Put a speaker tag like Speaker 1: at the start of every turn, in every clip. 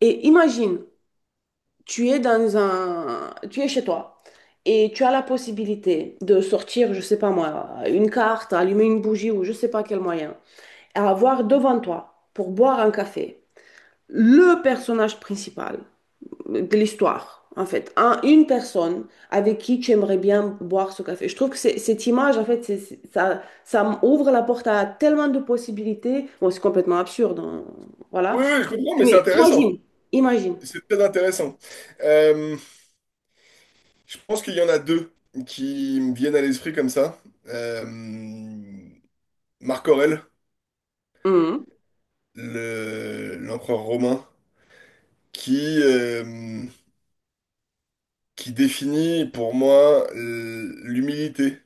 Speaker 1: Et imagine, tu es dans tu es chez toi et tu as la possibilité de sortir, je sais pas moi, une carte, allumer une bougie ou je sais pas quel moyen, et avoir devant toi pour boire un café le personnage principal de l'histoire, en fait, une personne avec qui tu aimerais bien boire ce café. Je trouve que cette image, en fait, ça ouvre la porte à tellement de possibilités. Bon, c'est complètement absurde, hein, voilà.
Speaker 2: Oui, oui, je comprends, mais c'est
Speaker 1: Mais
Speaker 2: intéressant.
Speaker 1: imagine, imagine.
Speaker 2: C'est très intéressant. Euh, je pense qu'il y en a deux qui me viennent à l'esprit comme ça. Euh, Marc Aurèle,
Speaker 1: Mmh.
Speaker 2: l'empereur romain, qui, euh, qui définit pour moi l'humilité.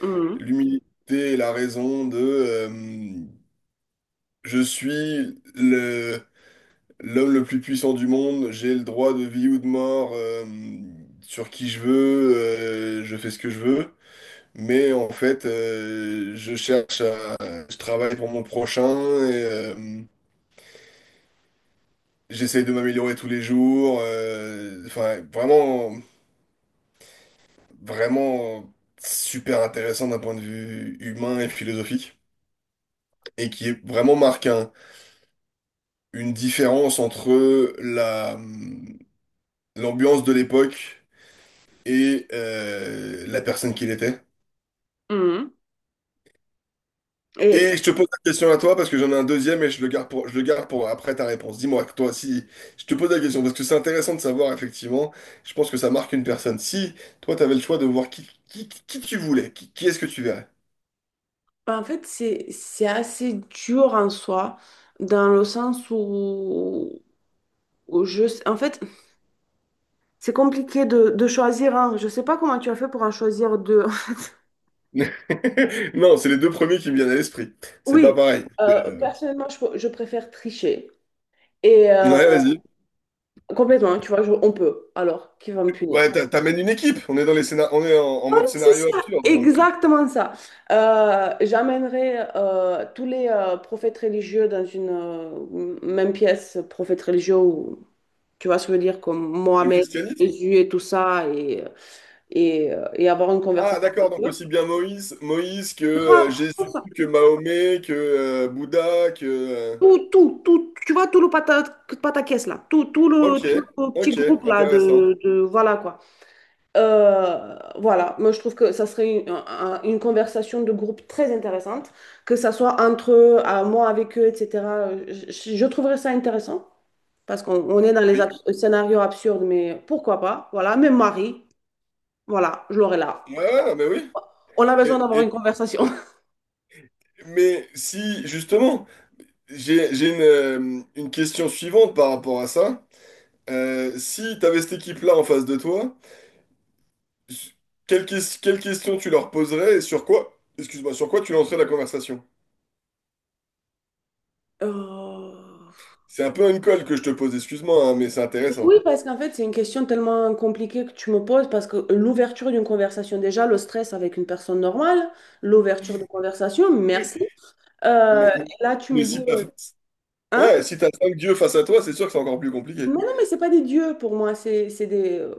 Speaker 1: Mhm,
Speaker 2: L'humilité est la raison de je suis l'homme le plus puissant du monde, j'ai le droit de vie ou de mort, sur qui je veux, je fais ce que je veux. Mais en fait, je cherche, je travaille pour mon prochain et j'essaie de m'améliorer tous les jours. Enfin, vraiment, vraiment super intéressant d'un point de vue humain et philosophique et qui est vraiment marque une différence entre la l'ambiance de l'époque et la personne qu'il était.
Speaker 1: mhm. Et
Speaker 2: Et je te pose la question à toi parce que j'en ai un deuxième et je le garde pour après ta réponse. Dis-moi, toi, si je te pose la question parce que c'est intéressant de savoir, effectivement, je pense que ça marque une personne. Si toi, tu avais le choix de voir qui tu voulais, qui est-ce que tu verrais?
Speaker 1: bah, en fait, c'est assez dur en soi, dans le sens où, en fait, c'est compliqué de choisir un. Je sais pas comment tu as fait pour en choisir deux. en fait.
Speaker 2: Non, c'est les deux premiers qui me viennent à l'esprit. C'est pas
Speaker 1: Oui,
Speaker 2: pareil. Euh,
Speaker 1: personnellement, je préfère tricher. Et
Speaker 2: Ouais, vas-y.
Speaker 1: complètement, hein, tu vois, on peut. Alors, qui va me punir?
Speaker 2: Ouais, t'amènes une équipe. On est dans on est en, mode
Speaker 1: Ouais, c'est
Speaker 2: scénario
Speaker 1: ça,
Speaker 2: absurde, donc
Speaker 1: exactement ça. J'emmènerai tous les prophètes religieux dans une même pièce, prophètes religieux ou tu vois ce que je veux dire, comme
Speaker 2: du
Speaker 1: Mohamed,
Speaker 2: christianisme.
Speaker 1: Jésus et tout ça, et avoir une
Speaker 2: Ah,
Speaker 1: conversation
Speaker 2: d'accord.
Speaker 1: avec
Speaker 2: Donc
Speaker 1: eux.
Speaker 2: aussi bien Moïse, que
Speaker 1: Grave, tout
Speaker 2: Jésus,
Speaker 1: ça.
Speaker 2: que Mahomet, que Bouddha, que
Speaker 1: Tout, tout, tout, tu vois, tout le pataquès là, tout
Speaker 2: Ok,
Speaker 1: tout le petit
Speaker 2: ok,
Speaker 1: groupe là
Speaker 2: intéressant.
Speaker 1: de voilà quoi. Voilà, moi je trouve que ça serait une conversation de groupe très intéressante, que ça soit entre eux, à moi avec eux, etc. Je trouverais ça intéressant parce qu'on on est dans les
Speaker 2: Oui.
Speaker 1: scénarios absurdes, mais pourquoi pas, voilà, même Marie, voilà, je l'aurais là.
Speaker 2: Ouais, ouais, non, mais oui.
Speaker 1: On a
Speaker 2: Et-
Speaker 1: besoin d'avoir
Speaker 2: et-
Speaker 1: une conversation.
Speaker 2: mais si, justement, j'ai une question suivante par rapport à ça. Si tu avais cette équipe-là en face de toi, s- quelle question tu leur poserais et sur quoi, excuse-moi, sur quoi tu lancerais la conversation?
Speaker 1: Euh,
Speaker 2: C'est un peu une colle que je te pose, excuse-moi, hein, mais c'est
Speaker 1: Oui,
Speaker 2: intéressant.
Speaker 1: parce qu'en fait, c'est une question tellement compliquée que tu me poses, parce que l'ouverture d'une conversation, déjà, le stress avec une personne normale, l'ouverture de conversation, merci.
Speaker 2: Mais,
Speaker 1: Et là, tu
Speaker 2: mais
Speaker 1: me dis,
Speaker 2: si t'as,
Speaker 1: hein?
Speaker 2: ouais, si t'as cinq dieux face à toi, c'est sûr que c'est encore plus compliqué.
Speaker 1: Mais non, mais c'est pas des dieux pour moi, c'est des…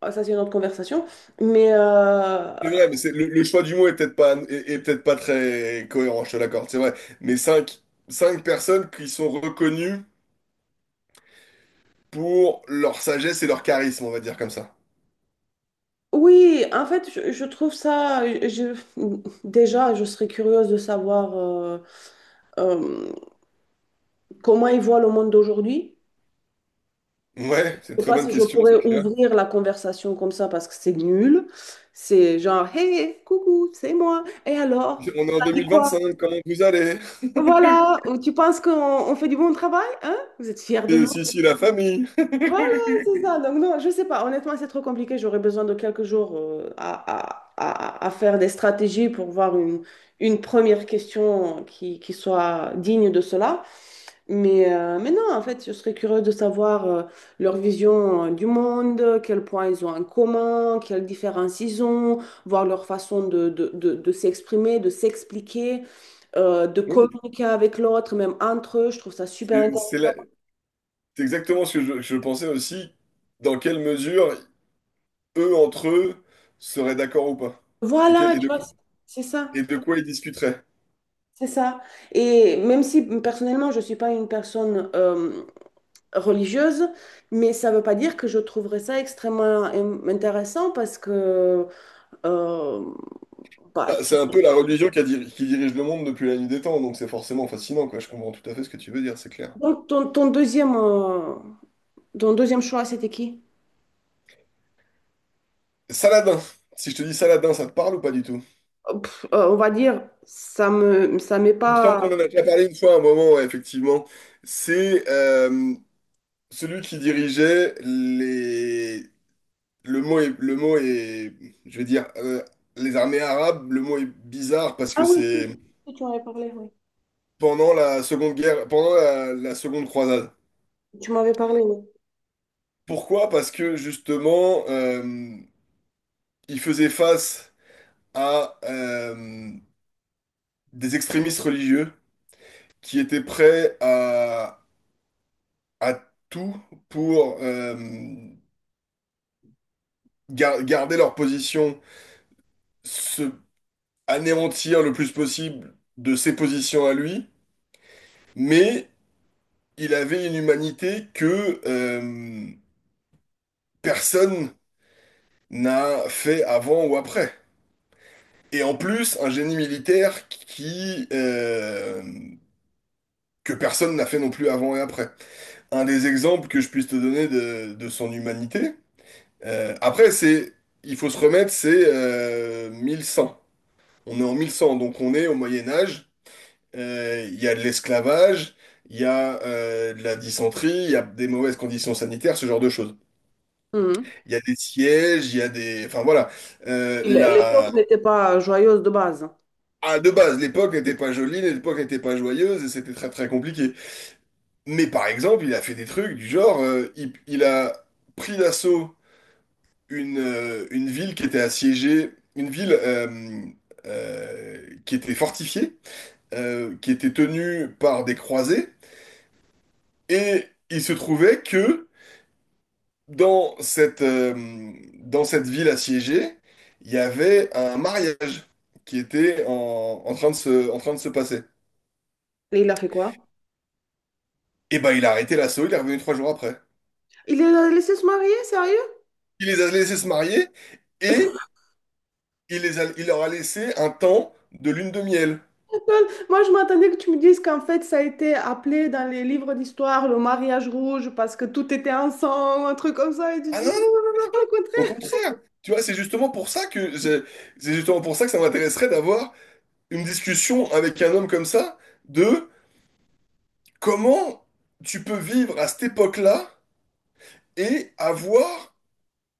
Speaker 1: ah, ça, c'est une autre conversation. Mais
Speaker 2: C'est vrai, mais c'est, le choix du mot est peut-être pas, est peut-être pas très cohérent, je te l'accorde, c'est vrai. Mais cinq personnes qui sont reconnues pour leur sagesse et leur charisme, on va dire comme ça.
Speaker 1: oui, en fait, je trouve ça… déjà, je serais curieuse de savoir euh, comment ils voient le monde d'aujourd'hui.
Speaker 2: Ouais,
Speaker 1: Je
Speaker 2: c'est une
Speaker 1: sais
Speaker 2: très
Speaker 1: pas
Speaker 2: bonne
Speaker 1: si je
Speaker 2: question, c'est
Speaker 1: pourrais
Speaker 2: clair.
Speaker 1: ouvrir la conversation comme ça parce que c'est nul. C'est genre, hey, hey, coucou, c'est moi. Et alors,
Speaker 2: On est en
Speaker 1: t'as
Speaker 2: deux
Speaker 1: dit
Speaker 2: mille
Speaker 1: quoi?
Speaker 2: vingt-cinq. Comment vous allez?
Speaker 1: Voilà, ou tu penses qu'on on fait du bon travail, hein? Vous êtes fiers de
Speaker 2: Et
Speaker 1: nous?
Speaker 2: si, si, la famille.
Speaker 1: Voilà, c'est ça. Donc non, je sais pas. Honnêtement, c'est trop compliqué. J'aurais besoin de quelques jours à- à faire des stratégies pour voir une première question qui soit digne de cela. Mais non, en fait, je serais curieux de savoir leur vision du monde, quel point ils ont en commun, quelles différences ils ont, voir leur façon de s'exprimer, de s'expliquer, de
Speaker 2: Oui,
Speaker 1: communiquer avec l'autre, même entre eux. Je trouve ça super
Speaker 2: et
Speaker 1: intéressant.
Speaker 2: c'est exactement ce que je pensais aussi, dans quelle mesure eux, entre eux, seraient d'accord ou pas. Et,
Speaker 1: Voilà,
Speaker 2: et
Speaker 1: tu
Speaker 2: de,
Speaker 1: vois, c'est ça,
Speaker 2: quoi ils discuteraient.
Speaker 1: c'est ça. Et même si personnellement, je ne suis pas une personne religieuse, mais ça ne veut pas dire que je trouverais ça extrêmement intéressant parce que… euh, Bah,
Speaker 2: Bah, c'est un peu la religion qui dirige le monde depuis la nuit des temps, donc c'est forcément fascinant, quoi. Je comprends tout à fait ce que tu veux dire, c'est clair.
Speaker 1: donc, ton deuxième choix, c'était qui?
Speaker 2: Saladin. Si je te dis Saladin, ça te parle ou pas du tout?
Speaker 1: Pff, on va dire, ça ça m'est
Speaker 2: Il me semble
Speaker 1: pas.
Speaker 2: qu'on en a déjà parlé une fois à un moment, ouais, effectivement. C'est celui qui dirigeait les... le mot est, je vais dire, les armées arabes, le mot est bizarre parce
Speaker 1: Ah
Speaker 2: que
Speaker 1: oui, si,
Speaker 2: c'est
Speaker 1: si, tu m'avais parlé, oui.
Speaker 2: pendant la Seconde Guerre, pendant la Seconde Croisade.
Speaker 1: Tu m'avais parlé, oui.
Speaker 2: Pourquoi? Parce que justement, il faisait face à des extrémistes religieux qui étaient prêts à, à tout pour garder leur position, se anéantir le plus possible de ses positions à lui, mais il avait une humanité que personne n'a fait avant ou après. Et en plus, un génie militaire que personne n'a fait non plus avant et après. Un des exemples que je puisse te donner de, son humanité. Après, c'est, il faut se remettre, c'est 1100. On est en 1100, donc on est au Moyen Âge. Il y a de l'esclavage, il y a de la dysenterie, il y a des mauvaises conditions sanitaires, ce genre de choses.
Speaker 1: Mhm.
Speaker 2: Il y a des sièges, il y a des, enfin voilà.
Speaker 1: L- L'époque
Speaker 2: La...
Speaker 1: n'était pas joyeuse de base.
Speaker 2: Ah, de base, l'époque n'était pas jolie, l'époque n'était pas joyeuse et c'était très très compliqué. Mais par exemple, il a fait des trucs du genre, il a pris d'assaut une ville qui était assiégée, une ville qui était fortifiée, qui était tenue par des croisés, et il se trouvait que dans cette, euh, dans cette ville assiégée, il y avait un mariage qui était en en train de se passer.
Speaker 1: Et il a fait quoi?
Speaker 2: Et ben il a arrêté l'assaut, il est revenu 3 jours après.
Speaker 1: Il a laissé se marier, sérieux?
Speaker 2: Il les a laissés se marier et il leur a laissé un temps de lune de miel.
Speaker 1: Moi, je m'attendais que tu me dises qu'en fait, ça a été appelé dans les livres d'histoire le mariage rouge parce que tout était ensemble, un truc comme ça. Et tu
Speaker 2: Ah,
Speaker 1: dis, au
Speaker 2: au
Speaker 1: contraire.
Speaker 2: contraire, tu vois, c'est justement pour ça que c'est justement pour ça que ça m'intéresserait d'avoir une discussion avec un homme comme ça de comment tu peux vivre à cette époque-là et avoir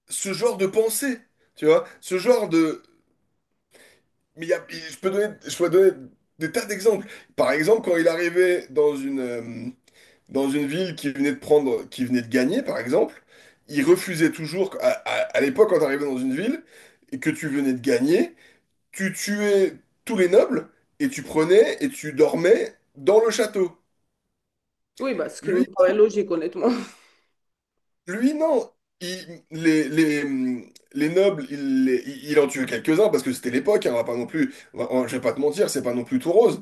Speaker 2: ce genre de pensée, tu vois, ce genre de mais je peux donner des tas d'exemples. Par exemple, quand il arrivait dans une ville qui venait de gagner, par exemple, il refusait toujours à, à l'époque quand tu arrivais dans une ville et que tu venais de gagner tu tuais tous les nobles et tu prenais et tu dormais dans le château.
Speaker 1: Oui, bah, ce qui me
Speaker 2: Lui,
Speaker 1: paraît logique, honnêtement.
Speaker 2: lui non. Il- les, les, les nobles, il en tuait quelques-uns parce que c'était l'époque, hein, on va pas non plus, je vais pas te mentir, c'est pas non plus tout rose.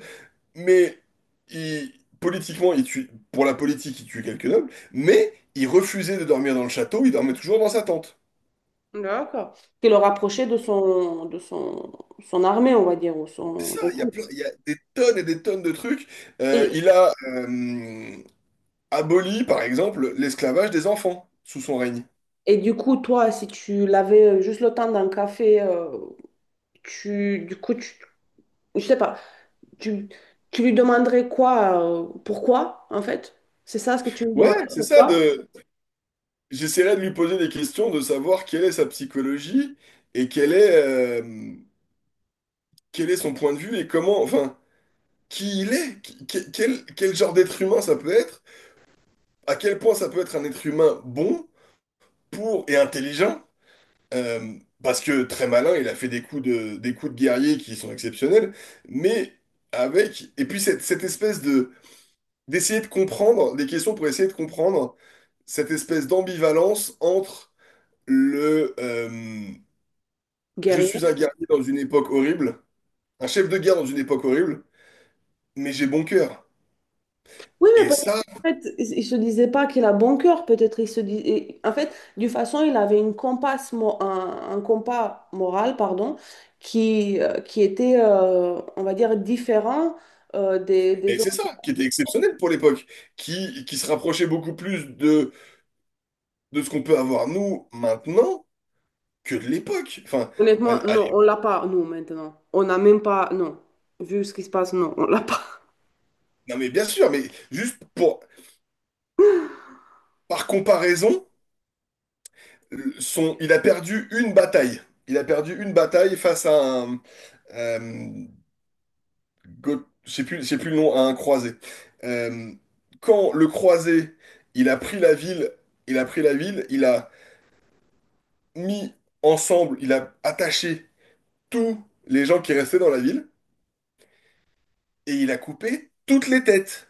Speaker 2: Mais il, politiquement, il tue, pour la politique, il tue quelques nobles, mais il refusait de dormir dans le château, il dormait toujours dans sa tente.
Speaker 1: D'accord. Qui le rapprochait de de son, son armée, on va dire, ou
Speaker 2: C'est ça,
Speaker 1: son truc.
Speaker 2: il y a des tonnes et des tonnes de trucs.
Speaker 1: Et,
Speaker 2: Il abolit, par exemple, l'esclavage des enfants sous son règne.
Speaker 1: et du coup, toi, si tu l'avais juste le temps d'un café, tu, du coup, tu, je sais pas, tu, tu lui demanderais quoi, pourquoi, en fait? C'est ça ce que tu lui
Speaker 2: Ouais,
Speaker 1: demanderais,
Speaker 2: c'est ça,
Speaker 1: pourquoi?
Speaker 2: de... j'essaierai de lui poser des questions, de savoir quelle est sa psychologie et euh, quel est son point de vue et comment, enfin, qui il est, quel genre d'être humain ça peut être, à quel point ça peut être un être humain bon, pour et intelligent. euh, Parce que très malin, il a fait des coups de guerrier qui sont exceptionnels, mais avec, et puis cette espèce de d'essayer de comprendre des questions pour essayer de comprendre cette espèce d'ambivalence entre le je suis
Speaker 1: Guerrier.
Speaker 2: un guerrier dans une époque horrible, un chef de guerre dans une époque horrible, mais j'ai bon cœur.
Speaker 1: Oui, mais
Speaker 2: Et
Speaker 1: peut-être,
Speaker 2: ça,
Speaker 1: en fait, il se disait pas qu'il a bon cœur, peut-être il se dis- et- en fait, d'une façon, il avait une un compas moral, pardon, qui était, on va dire, différent euh,
Speaker 2: et
Speaker 1: des autres.
Speaker 2: c'est ça qui était exceptionnel pour l'époque, qui se rapprochait beaucoup plus de, ce qu'on peut avoir nous maintenant que de l'époque. Enfin,
Speaker 1: Honnêtement,
Speaker 2: allez,
Speaker 1: non, on l'a pas, nous, maintenant. On n'a même pas, non. Vu ce qui se passe, non, on l'a pas.
Speaker 2: non mais bien sûr, mais juste pour par comparaison, il a perdu une bataille. Il a perdu une bataille face à un, Euh, je plus, c'est plus le nom, à un croisé. Euh, quand le croisé, il a pris la ville, il a pris la ville, il a mis ensemble, il a attaché tous les gens qui restaient dans la ville et il a coupé toutes les têtes.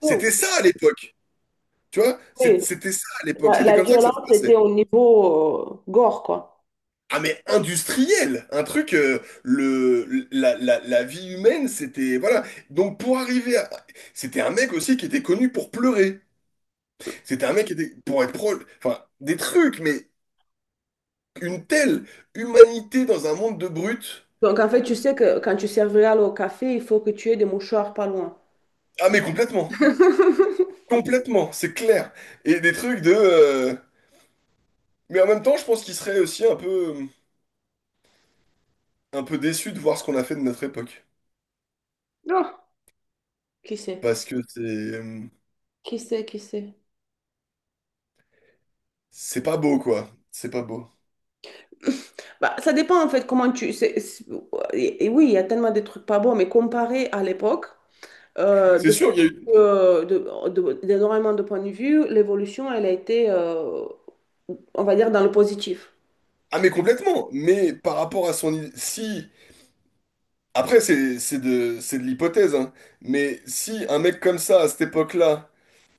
Speaker 2: C'était
Speaker 1: Oh,
Speaker 2: ça à l'époque, tu vois?
Speaker 1: oui,
Speaker 2: C'était ça à l'époque,
Speaker 1: la,
Speaker 2: c'était
Speaker 1: la
Speaker 2: comme ça que ça se
Speaker 1: violence
Speaker 2: passait.
Speaker 1: était au niveau gore, quoi.
Speaker 2: Ah mais industriel, un truc, la vie humaine, c'était, voilà. Donc pour arriver à... C'était un mec aussi qui était connu pour pleurer. C'était un mec qui était, pour être pro, enfin, des trucs, mais une telle humanité dans un monde de brutes.
Speaker 1: Donc, en fait, tu sais que quand tu serviras au café, il faut que tu aies des mouchoirs pas loin.
Speaker 2: Ah, mais complètement. Complètement, c'est clair. Et des trucs de. Mais en même temps, je pense qu'il serait aussi un peu déçu de voir ce qu'on a fait de notre époque.
Speaker 1: Non, qui sait?
Speaker 2: Parce que c'est.
Speaker 1: Qui sait, qui sait?
Speaker 2: C'est pas beau, quoi. C'est pas beau.
Speaker 1: Bah, ça dépend en fait comment tu. Et oui, il y a tellement de trucs pas bons, mais comparé à l'époque,
Speaker 2: C'est
Speaker 1: point
Speaker 2: sûr, il y a eu.
Speaker 1: d'énormément de points de vue, l'évolution, elle a été, on va dire, dans le positif.
Speaker 2: Ah, mais complètement. Mais par rapport à son. Si. Après, c'est de l'hypothèse, hein. Mais si un mec comme ça, à cette époque-là,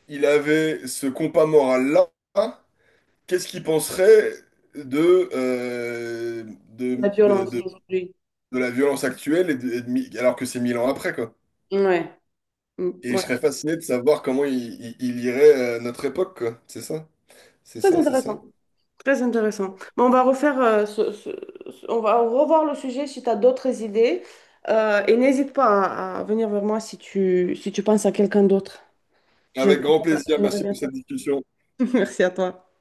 Speaker 2: il avait ce compas moral-là, qu'est-ce qu'il penserait de, euh, de,
Speaker 1: La violence
Speaker 2: de,
Speaker 1: d'aujourd'hui.
Speaker 2: de la violence actuelle alors que c'est 1000 ans après, quoi.
Speaker 1: Ouais. Mm,
Speaker 2: Et je
Speaker 1: ouais.
Speaker 2: serais fasciné de savoir comment il lirait notre époque, quoi. C'est ça, c'est
Speaker 1: Très
Speaker 2: ça, c'est ça.
Speaker 1: intéressant. Très intéressant. Bon, on va refaire, on va revoir le sujet si tu as d'autres idées. Et n'hésite pas à venir vers moi si tu, si tu penses à quelqu'un d'autre.
Speaker 2: Avec grand plaisir,
Speaker 1: J'aimerais
Speaker 2: merci
Speaker 1: bien
Speaker 2: pour
Speaker 1: savoir.
Speaker 2: cette discussion.
Speaker 1: Merci à toi.